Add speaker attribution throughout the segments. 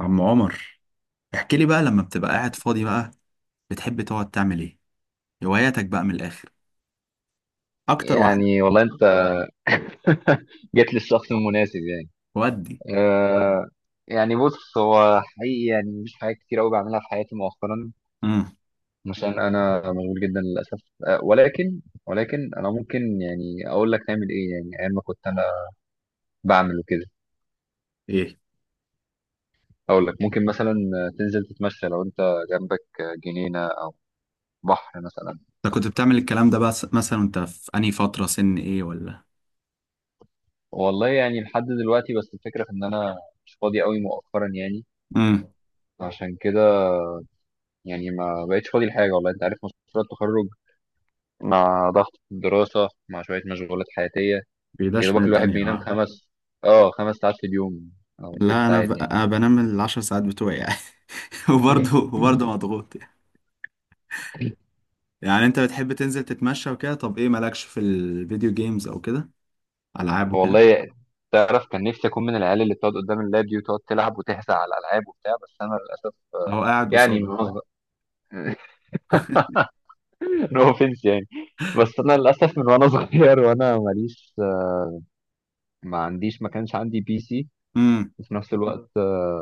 Speaker 1: عم عمر، احكي لي بقى لما بتبقى قاعد فاضي بقى بتحب تقعد تعمل ايه؟ هواياتك بقى من الاخر، اكتر واحده.
Speaker 2: يعني والله انت جيت للشخص المناسب يعني.
Speaker 1: ودي.
Speaker 2: آه، يعني بص، هو حقيقي يعني مش حاجات كتير قوي بعملها في حياتي مؤخرا،
Speaker 1: امم.
Speaker 2: عشان انا مشغول جدا للاسف. آه ولكن ولكن انا ممكن يعني اقول لك نعمل ايه، يعني ايام ما كنت انا بعمل وكده.
Speaker 1: ايه.
Speaker 2: اقول لك ممكن مثلا تنزل تتمشى، لو انت جنبك جنينة، بحر مثلا.
Speaker 1: انت كنت بتعمل الكلام ده بس مثلا انت في انهي فتره؟ سن ايه ولا؟
Speaker 2: والله يعني لحد دلوقتي، بس الفكرة في ان انا مش فاضي قوي مؤخرا يعني.
Speaker 1: امم.
Speaker 2: عشان كده يعني ما بقتش فاضي لحاجة، والله انت عارف مشروع التخرج، مع ضغط الدراسة، مع شوية مشغولات حياتية. يا
Speaker 1: بيداش من
Speaker 2: دوبك الواحد
Speaker 1: الدنيا
Speaker 2: بينام
Speaker 1: اه.
Speaker 2: خمس ساعات في اليوم، أو ست
Speaker 1: لا،
Speaker 2: ساعات يعني.
Speaker 1: أنا بنام ال10 ساعات بتوعي يعني وبرضه وبرضه مضغوط يعني. يعني انت بتحب تنزل تتمشى وكده، طب ايه مالكش في الفيديو جيمز او كده؟ العاب وكده؟
Speaker 2: والله، تعرف كان نفسي أكون من العيال اللي بتقعد قدام اللاب دي، وتقعد تلعب وتهزأ على الألعاب وبتاع، بس أنا للأسف
Speaker 1: او قاعد
Speaker 2: يعني
Speaker 1: قصادك؟
Speaker 2: نو أوفنس. يعني بس أنا للأسف من وأنا صغير وأنا ماليش، ما كانش عندي بي سي.
Speaker 1: امم.
Speaker 2: وفي نفس الوقت،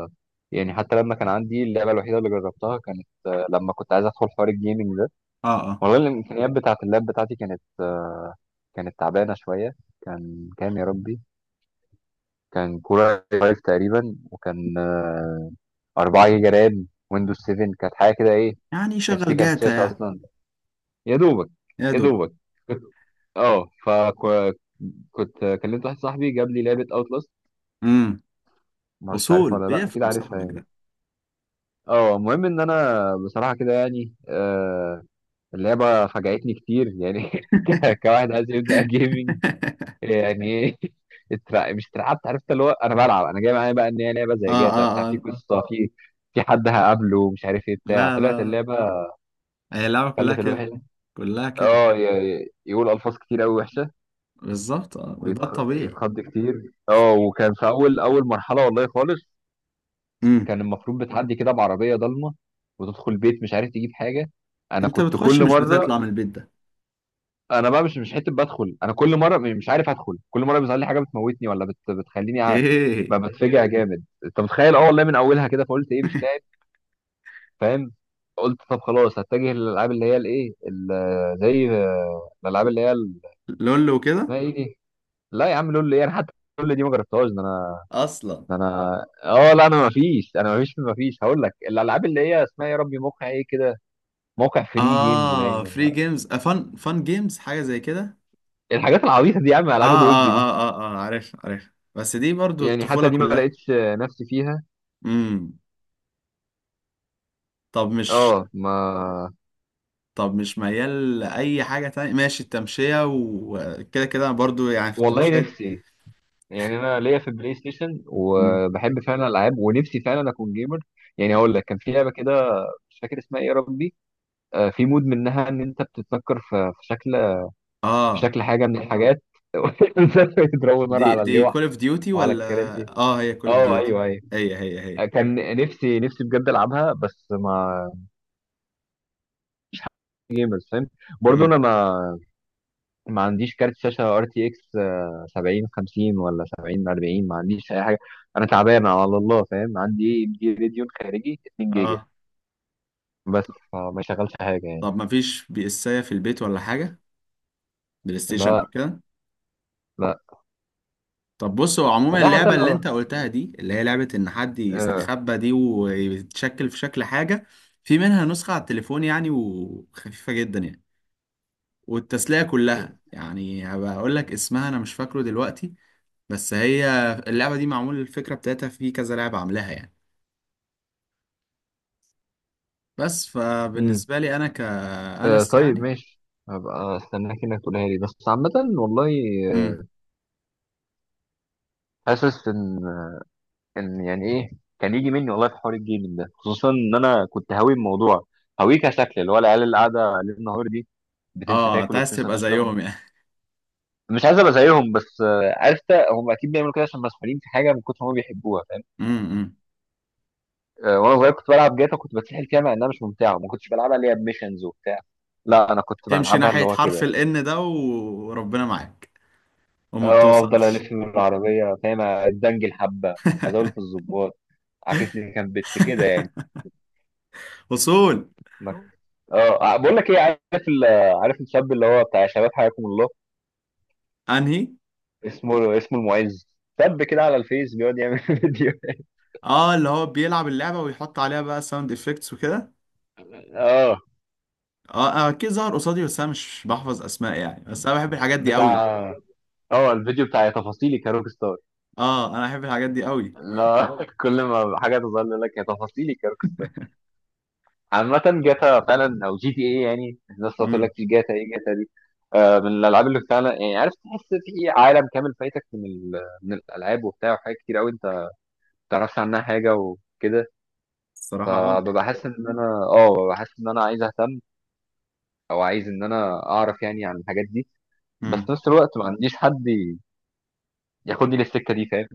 Speaker 2: يعني حتى لما كان عندي، اللعبة الوحيدة اللي جربتها كانت، لما كنت عايز أدخل حوار الجيمنج.
Speaker 1: اه اه.
Speaker 2: والله الامكانيات بتاعه اللاب بتاعتي كانت تعبانه شويه. كان كام يا ربي؟ كان كوره 5 تقريبا، وكان 4 جيجا رام، ويندوز 7، كانت حاجه كده ايه.
Speaker 1: يعني
Speaker 2: كانش فيه
Speaker 1: شغل
Speaker 2: كارت
Speaker 1: جاتا
Speaker 2: شاشه
Speaker 1: يعني.
Speaker 2: اصلا، يا دوبك
Speaker 1: يا
Speaker 2: يا
Speaker 1: دوب.
Speaker 2: دوبك كنت، اه فكنت كلمت واحد صاحبي، جاب لي لعبه اوتلاست.
Speaker 1: مم.
Speaker 2: ما اعرفش
Speaker 1: اصول
Speaker 2: تعرفها ولا لا، اكيد
Speaker 1: بيفهم
Speaker 2: عارفها
Speaker 1: صاحبك
Speaker 2: يعني.
Speaker 1: ده.
Speaker 2: اه، المهم ان انا بصراحه كده يعني، اللعبه فاجأتني كتير يعني. كواحد عايز يبدأ جيمنج يعني. مش اترعبت. عرفت اللي هو انا بلعب، انا جاي معايا بقى ان هي لعبه
Speaker 1: اه
Speaker 2: زي جاتا
Speaker 1: اه
Speaker 2: بتاع، في
Speaker 1: اه.
Speaker 2: قصه، في حد هقابله، مش عارف ايه بتاع.
Speaker 1: لا لا
Speaker 2: طلعت
Speaker 1: لا.
Speaker 2: اللعبه
Speaker 1: هي اللعبة كلها
Speaker 2: خلت
Speaker 1: كده،
Speaker 2: الواحد،
Speaker 1: كلها كده.
Speaker 2: يقول الفاظ كتير قوي وحشه،
Speaker 1: بالظبط اه، ده الطبيعي.
Speaker 2: ويتخض كتير. اه، وكان في اول اول مرحله، والله خالص
Speaker 1: امم.
Speaker 2: كان المفروض بتعدي كده بعربيه ضلمه، وتدخل بيت مش عارف تجيب حاجه. انا
Speaker 1: انت
Speaker 2: كنت
Speaker 1: بتخش
Speaker 2: كل
Speaker 1: مش
Speaker 2: مره،
Speaker 1: بتطلع من البيت ده؟
Speaker 2: انا بقى مش حته بدخل، انا كل مره مش عارف ادخل، كل مره بيظهر لي حاجه بتموتني، ولا بتخليني
Speaker 1: اوكي.
Speaker 2: بتفجع جامد، انت متخيل. اه والله من اولها كده، فقلت ايه مش لاعب، فاهم. قلت طب خلاص هتجه للالعاب اللي هي الايه، ال- زي آه، الالعاب اللي هي
Speaker 1: لول وكده.
Speaker 2: اسمها ايه دي. لا يا عم، لول ايه، انا حتى لول دي ما جربتهاش. ده انا
Speaker 1: اصلا.
Speaker 2: ده انا اه لا، انا ما فيش، هقول لك الالعاب اللي هي اسمها يا ربي موقع ايه كده، موقع فري جيمز
Speaker 1: اه،
Speaker 2: باين
Speaker 1: فري جيمز آه، فن جيمز، حاجة زي كده.
Speaker 2: الحاجات العبيطه دي يا عم،
Speaker 1: اه
Speaker 2: العاب الويب
Speaker 1: اه
Speaker 2: دي.
Speaker 1: اه اه اه، عارف عارف، بس دي برضو
Speaker 2: يعني حتى
Speaker 1: الطفولة
Speaker 2: دي ما
Speaker 1: كلها.
Speaker 2: لقيتش نفسي فيها.
Speaker 1: امم. طب مش
Speaker 2: اه ما،
Speaker 1: طب مش ميال لأي حاجة تانية؟ ماشي، التمشية وكده كده برضو يعني، في
Speaker 2: والله
Speaker 1: التمشية.
Speaker 2: نفسي، يعني انا ليا في البلاي ستيشن، وبحب فعلا الالعاب، ونفسي فعلا اكون جيمر. يعني هقول لك، كان في لعبه كده مش فاكر اسمها ايه يا ربي، في مود منها ان انت بتتنكر في شكل، في
Speaker 1: اه.
Speaker 2: شكل حاجه من الحاجات. يضربوا نار
Speaker 1: دي
Speaker 2: على
Speaker 1: دي
Speaker 2: اللوح،
Speaker 1: كول اوف ديوتي
Speaker 2: وعلى
Speaker 1: ولا؟
Speaker 2: الكراسي.
Speaker 1: اه هي كول اوف
Speaker 2: اه
Speaker 1: ديوتي.
Speaker 2: ايوه ايوه.
Speaker 1: هي هي هي
Speaker 2: كان نفسي نفسي بجد العبها، بس ما فاهم. برضه
Speaker 1: امم.
Speaker 2: انا ما عنديش كارت شاشة ار تي اكس 70 50 ولا 70 40، ما عنديش اي حاجة. انا تعبان على الله فاهم، عندي ام دي راديون خارجي 2 جيجا،
Speaker 1: اه.
Speaker 2: بس فما يشغلش حاجة يعني.
Speaker 1: طب ما فيش بي اسايه في البيت ولا حاجه؟ بلاي ستيشن او
Speaker 2: لا،
Speaker 1: كده؟
Speaker 2: لا.
Speaker 1: طب بص، هو عموما
Speaker 2: والله حتى
Speaker 1: اللعبه اللي انت
Speaker 2: لو.
Speaker 1: قلتها دي اللي هي لعبه ان حد
Speaker 2: آه.
Speaker 1: يستخبى دي ويتشكل في شكل حاجه، في منها نسخه على التليفون يعني، وخفيفه جدا يعني، والتسليه
Speaker 2: إيه،
Speaker 1: كلها. يعني هبقى اقول لك اسمها، انا مش فاكره دلوقتي بس هي اللعبه دي معمول الفكره بتاعتها في كذا لعبه عاملاها يعني، بس
Speaker 2: مم.
Speaker 1: فبالنسبة لي أنا
Speaker 2: آه.
Speaker 1: كأنس
Speaker 2: طيب
Speaker 1: يعني.
Speaker 2: ماشي، هبقى استناك انك تقولها لي، بس عامة والله،
Speaker 1: امم.
Speaker 2: آه، حاسس ان، يعني ايه، كان يجي مني والله في حوار الجيمنج ده، خصوصا ان انا كنت هاوي الموضوع، هاويه كشكل اللي هو العيال اللي قاعده ليل نهار دي، بتنسى
Speaker 1: اه، أنت
Speaker 2: تاكل
Speaker 1: عايز
Speaker 2: وبتنسى
Speaker 1: تبقى
Speaker 2: تشرب.
Speaker 1: زيهم يعني؟
Speaker 2: مش عايز ابقى زيهم، بس عارف إنت، هم اكيد بيعملوا كده عشان مسحولين في حاجه من كتر ما هم بيحبوها، فاهم.
Speaker 1: أمم.
Speaker 2: وانا صغير كنت بلعب جاتا، كنت بتسحل فيها، مع انها مش ممتعه، ما كنتش بلعبها اللي هي بميشنز وبتاع. لا، انا كنت
Speaker 1: تمشي
Speaker 2: بلعبها اللي
Speaker 1: ناحية
Speaker 2: هو كده
Speaker 1: حرف ال
Speaker 2: يعني.
Speaker 1: N ده وربنا معاك وما
Speaker 2: اه، افضل
Speaker 1: بتوصلش.
Speaker 2: الف من العربيه، فاهم، ادنجل حبه، ازول في الظباط، عاكس لي كان بت كده يعني.
Speaker 1: وصول.
Speaker 2: ما- بقول لك ايه، عارف عارف الشاب اللي هو بتاع شباب حياكم الله،
Speaker 1: أنهي؟
Speaker 2: اسمه المعز. شاب كده على الفيس، بيقعد يعمل فيديو
Speaker 1: اه، اللي هو بيلعب اللعبة ويحط عليها بقى ساوند افكتس وكده.
Speaker 2: اه
Speaker 1: اه، آه، أكيد ظهر قصادي بس أنا مش بحفظ أسماء يعني، بس أنا بحب الحاجات دي
Speaker 2: بتاع،
Speaker 1: أوي.
Speaker 2: اه الفيديو بتاع يا تفاصيلي كروك ستار.
Speaker 1: اه، أنا بحب الحاجات دي أوي.
Speaker 2: لا، اه، كل ما حاجه تظهر لي يقول لك يا تفاصيلي كروك ستار. عامه جاتا فعلا، او جي تي اي، يعني الناس تقول لك
Speaker 1: امم.
Speaker 2: في جاتا، ايه جاتا دي؟ آه من الالعاب اللي فعلا يعني عارف تحس في عالم كامل فايتك، من الالعاب وبتاع، وحاجات كتير قوي انت ما تعرفش عنها حاجه وكده.
Speaker 1: الصراحة اه.
Speaker 2: فببقى حاسس ان انا اه ببقى حاسس ان انا عايز اهتم، او عايز ان انا اعرف يعني عن الحاجات دي. بس في نفس الوقت ما عنديش حد ياخدني للسكه دي، فاهم.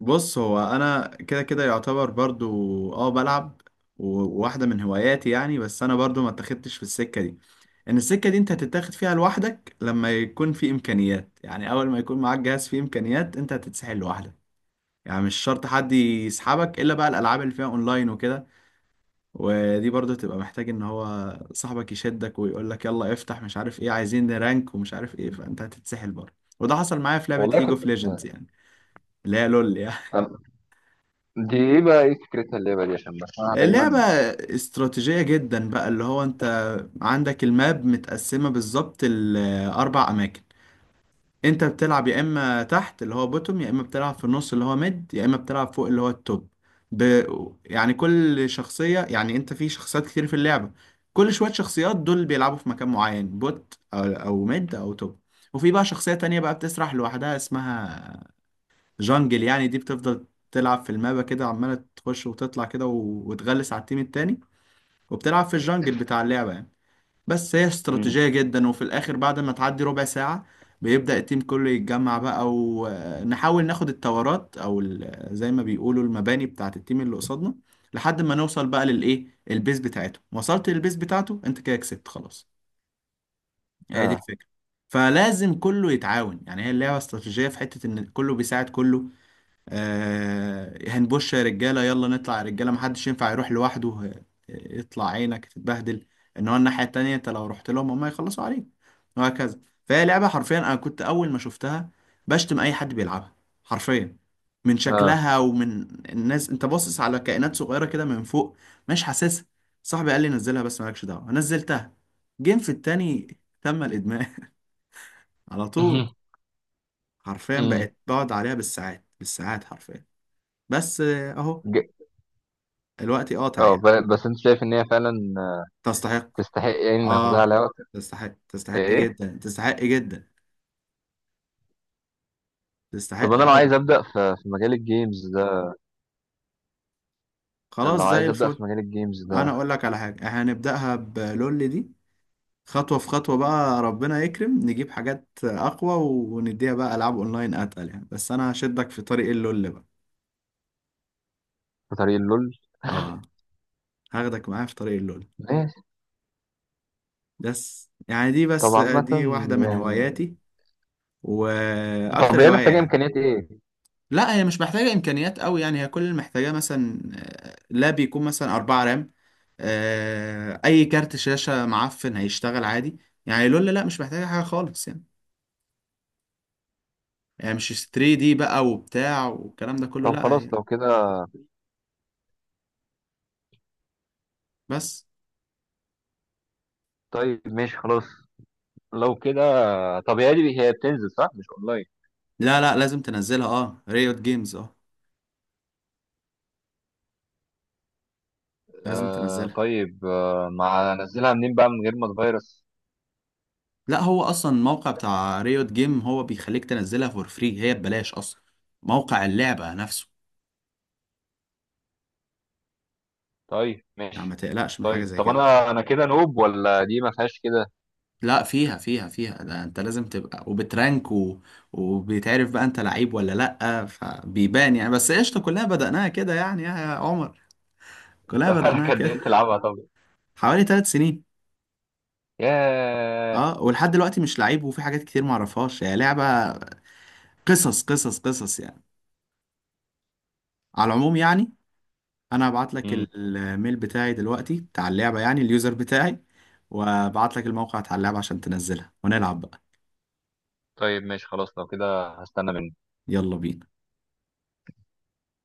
Speaker 1: بص، هو انا كده كده يعتبر برضو اه بلعب، و- وواحده من هواياتي يعني، بس انا برضو ما اتخدتش في السكه دي. ان السكه دي انت هتتاخد فيها لوحدك لما يكون في امكانيات، يعني اول ما يكون معاك جهاز فيه امكانيات انت هتتسحل لوحدك. يعني مش شرط حد يسحبك الا بقى الالعاب اللي فيها اونلاين وكده، ودي برضو تبقى محتاج ان هو صاحبك يشدك ويقول لك يلا افتح، مش عارف ايه عايزين رانك ومش عارف ايه، فانت هتتسحل برضه. وده حصل معايا في لعبه
Speaker 2: والله
Speaker 1: ليج
Speaker 2: كنت،
Speaker 1: اوف ليجندز يعني، اللي هي لول يعني
Speaker 2: دي ايه بقى، ايه فكرتها اللعبه دي؟ عشان بسمعها دايما.
Speaker 1: لعبة استراتيجية جدا بقى، اللي هو انت عندك الماب متقسمة بالظبط لأربع أماكن. انت بتلعب يا اما تحت اللي هو بوتوم، يا اما بتلعب في النص اللي هو ميد، يا اما بتلعب فوق اللي هو التوب. ب... يعني كل شخصية، يعني انت في شخصيات كتير في اللعبة، كل شوية شخصيات دول بيلعبوا في مكان معين، بوت أو ميد او توب. وفي بقى شخصية تانية بقى بتسرح لوحدها اسمها جانجل، يعني دي بتفضل تلعب في المابا كده عمالة تخش وتطلع كده و... وتغلس على التيم التاني، وبتلعب في الجنجل بتاع اللعبة يعني. بس هي
Speaker 2: مم.
Speaker 1: استراتيجية جدا، وفي الآخر بعد ما تعدي ربع ساعة بيبدأ التيم كله يتجمع بقى، ونحاول ناخد التورات أو زي ما بيقولوا المباني بتاعة التيم اللي قصادنا، لحد ما نوصل بقى للإيه، البيز بتاعته. وصلت للبيز بتاعته أنت كده كسبت خلاص. هي دي
Speaker 2: اه،
Speaker 1: الفكرة. فلازم كله يتعاون، يعني هي اللعبة استراتيجية في حتة إن كله بيساعد كله. آه، هنبوش يا رجاله، يلا نطلع يا رجاله، محدش ينفع يروح لوحده، آه، يطلع عينك تتبهدل، ان هو الناحيه التانيه انت لو رحت لهم هم يخلصوا عليك. وهكذا. فهي لعبه حرفيا، انا كنت اول ما شفتها بشتم اي حد بيلعبها حرفيا، من
Speaker 2: اه.
Speaker 1: شكلها ومن الناس، انت باصص على كائنات صغيره كده من فوق، مش حاسسها. صاحبي قال لي نزلها، بس مالكش دعوه نزلتها، جيم في التاني تم الادمان على طول. حرفيا
Speaker 2: امم.
Speaker 1: بقت بقعد عليها بالساعات بالساعات حرفيا. بس آه، اهو،
Speaker 2: ج-
Speaker 1: الوقت قاطع
Speaker 2: اه،
Speaker 1: يعني.
Speaker 2: بس انت شايف ان هي فعلا
Speaker 1: تستحق.
Speaker 2: تستحق يعني، ناخدها
Speaker 1: اه،
Speaker 2: على وقت.
Speaker 1: تستحق، تستحق
Speaker 2: ايه،
Speaker 1: جدا، تستحق جدا،
Speaker 2: طب
Speaker 1: تستحق
Speaker 2: انا لو
Speaker 1: قوي.
Speaker 2: عايز ابدا في مجال الجيمز ده، لو
Speaker 1: خلاص زي
Speaker 2: عايز ابدا
Speaker 1: الفل،
Speaker 2: في مجال الجيمز ده،
Speaker 1: انا اقول لك على حاجه، احنا هنبداها بلول دي، خطوه في خطوه بقى، ربنا يكرم نجيب حاجات اقوى ونديها بقى العاب اونلاين اتقل يعني. بس انا هشدك في طريق اللول بقى.
Speaker 2: في طريق اللول.
Speaker 1: اه، هاخدك معايا في طريق اللول،
Speaker 2: ماشي.
Speaker 1: بس يعني دي،
Speaker 2: طب
Speaker 1: بس
Speaker 2: عامة
Speaker 1: دي واحده من
Speaker 2: يعني،
Speaker 1: هواياتي
Speaker 2: طب
Speaker 1: واكتر
Speaker 2: هي
Speaker 1: هوايه
Speaker 2: محتاجة
Speaker 1: يعني.
Speaker 2: امكانيات ايه؟
Speaker 1: لا، هي مش محتاجة إمكانيات قوي يعني، هي كل اللي محتاجاه مثلا آه، لاب يكون مثلا 4 رام، آه، أي كارت شاشة معفن هيشتغل عادي يعني. لولا لا مش محتاجة حاجة خالص يعني. يعني مش 3D دي بقى وبتاع والكلام ده كله،
Speaker 2: طب
Speaker 1: لا هي
Speaker 2: خلاص لو كده.
Speaker 1: بس.
Speaker 2: طيب ماشي خلاص لو كده. طب هي دي، هي بتنزل صح مش اونلاين؟
Speaker 1: لا لا، لازم تنزلها اه، ريوت جيمز اه، لازم
Speaker 2: آه
Speaker 1: تنزلها.
Speaker 2: طيب، آه مع انزلها منين بقى من غير ما اتفيرس؟
Speaker 1: لا، هو أصلا الموقع بتاع ريوت جيم هو بيخليك تنزلها فور فري، هي ببلاش أصلا، موقع اللعبة نفسه،
Speaker 2: طيب
Speaker 1: يعني ما
Speaker 2: ماشي.
Speaker 1: تقلقش من حاجة
Speaker 2: طيب،
Speaker 1: زي
Speaker 2: طب
Speaker 1: كده.
Speaker 2: انا كده نوب ولا دي ما فيهاش كده؟
Speaker 1: لا، فيها فيها فيها، ده انت لازم تبقى وبترانك و... وبيتعرف بقى انت لعيب ولا لأ، فبيبان يعني. بس قشطة، كلها بدأناها كده يعني يا عمر.
Speaker 2: انت
Speaker 1: كلها بدأناها
Speaker 2: بقالك قد
Speaker 1: كده
Speaker 2: ايه بتلعبها طب؟
Speaker 1: حوالي 3 سنين.
Speaker 2: ياه.
Speaker 1: اه ولحد دلوقتي مش لعيب، وفي حاجات كتير معرفهاش، هي لعبة قصص قصص قصص يعني. على العموم يعني، انا هبعت لك
Speaker 2: امم.
Speaker 1: الميل بتاعي دلوقتي بتاع اللعبة، يعني اليوزر بتاعي، وابعت لك الموقع بتاع اللعبة عشان تنزلها ونلعب بقى.
Speaker 2: طيب ماشي خلاص لو كده، هستنى منك.
Speaker 1: يلا بينا.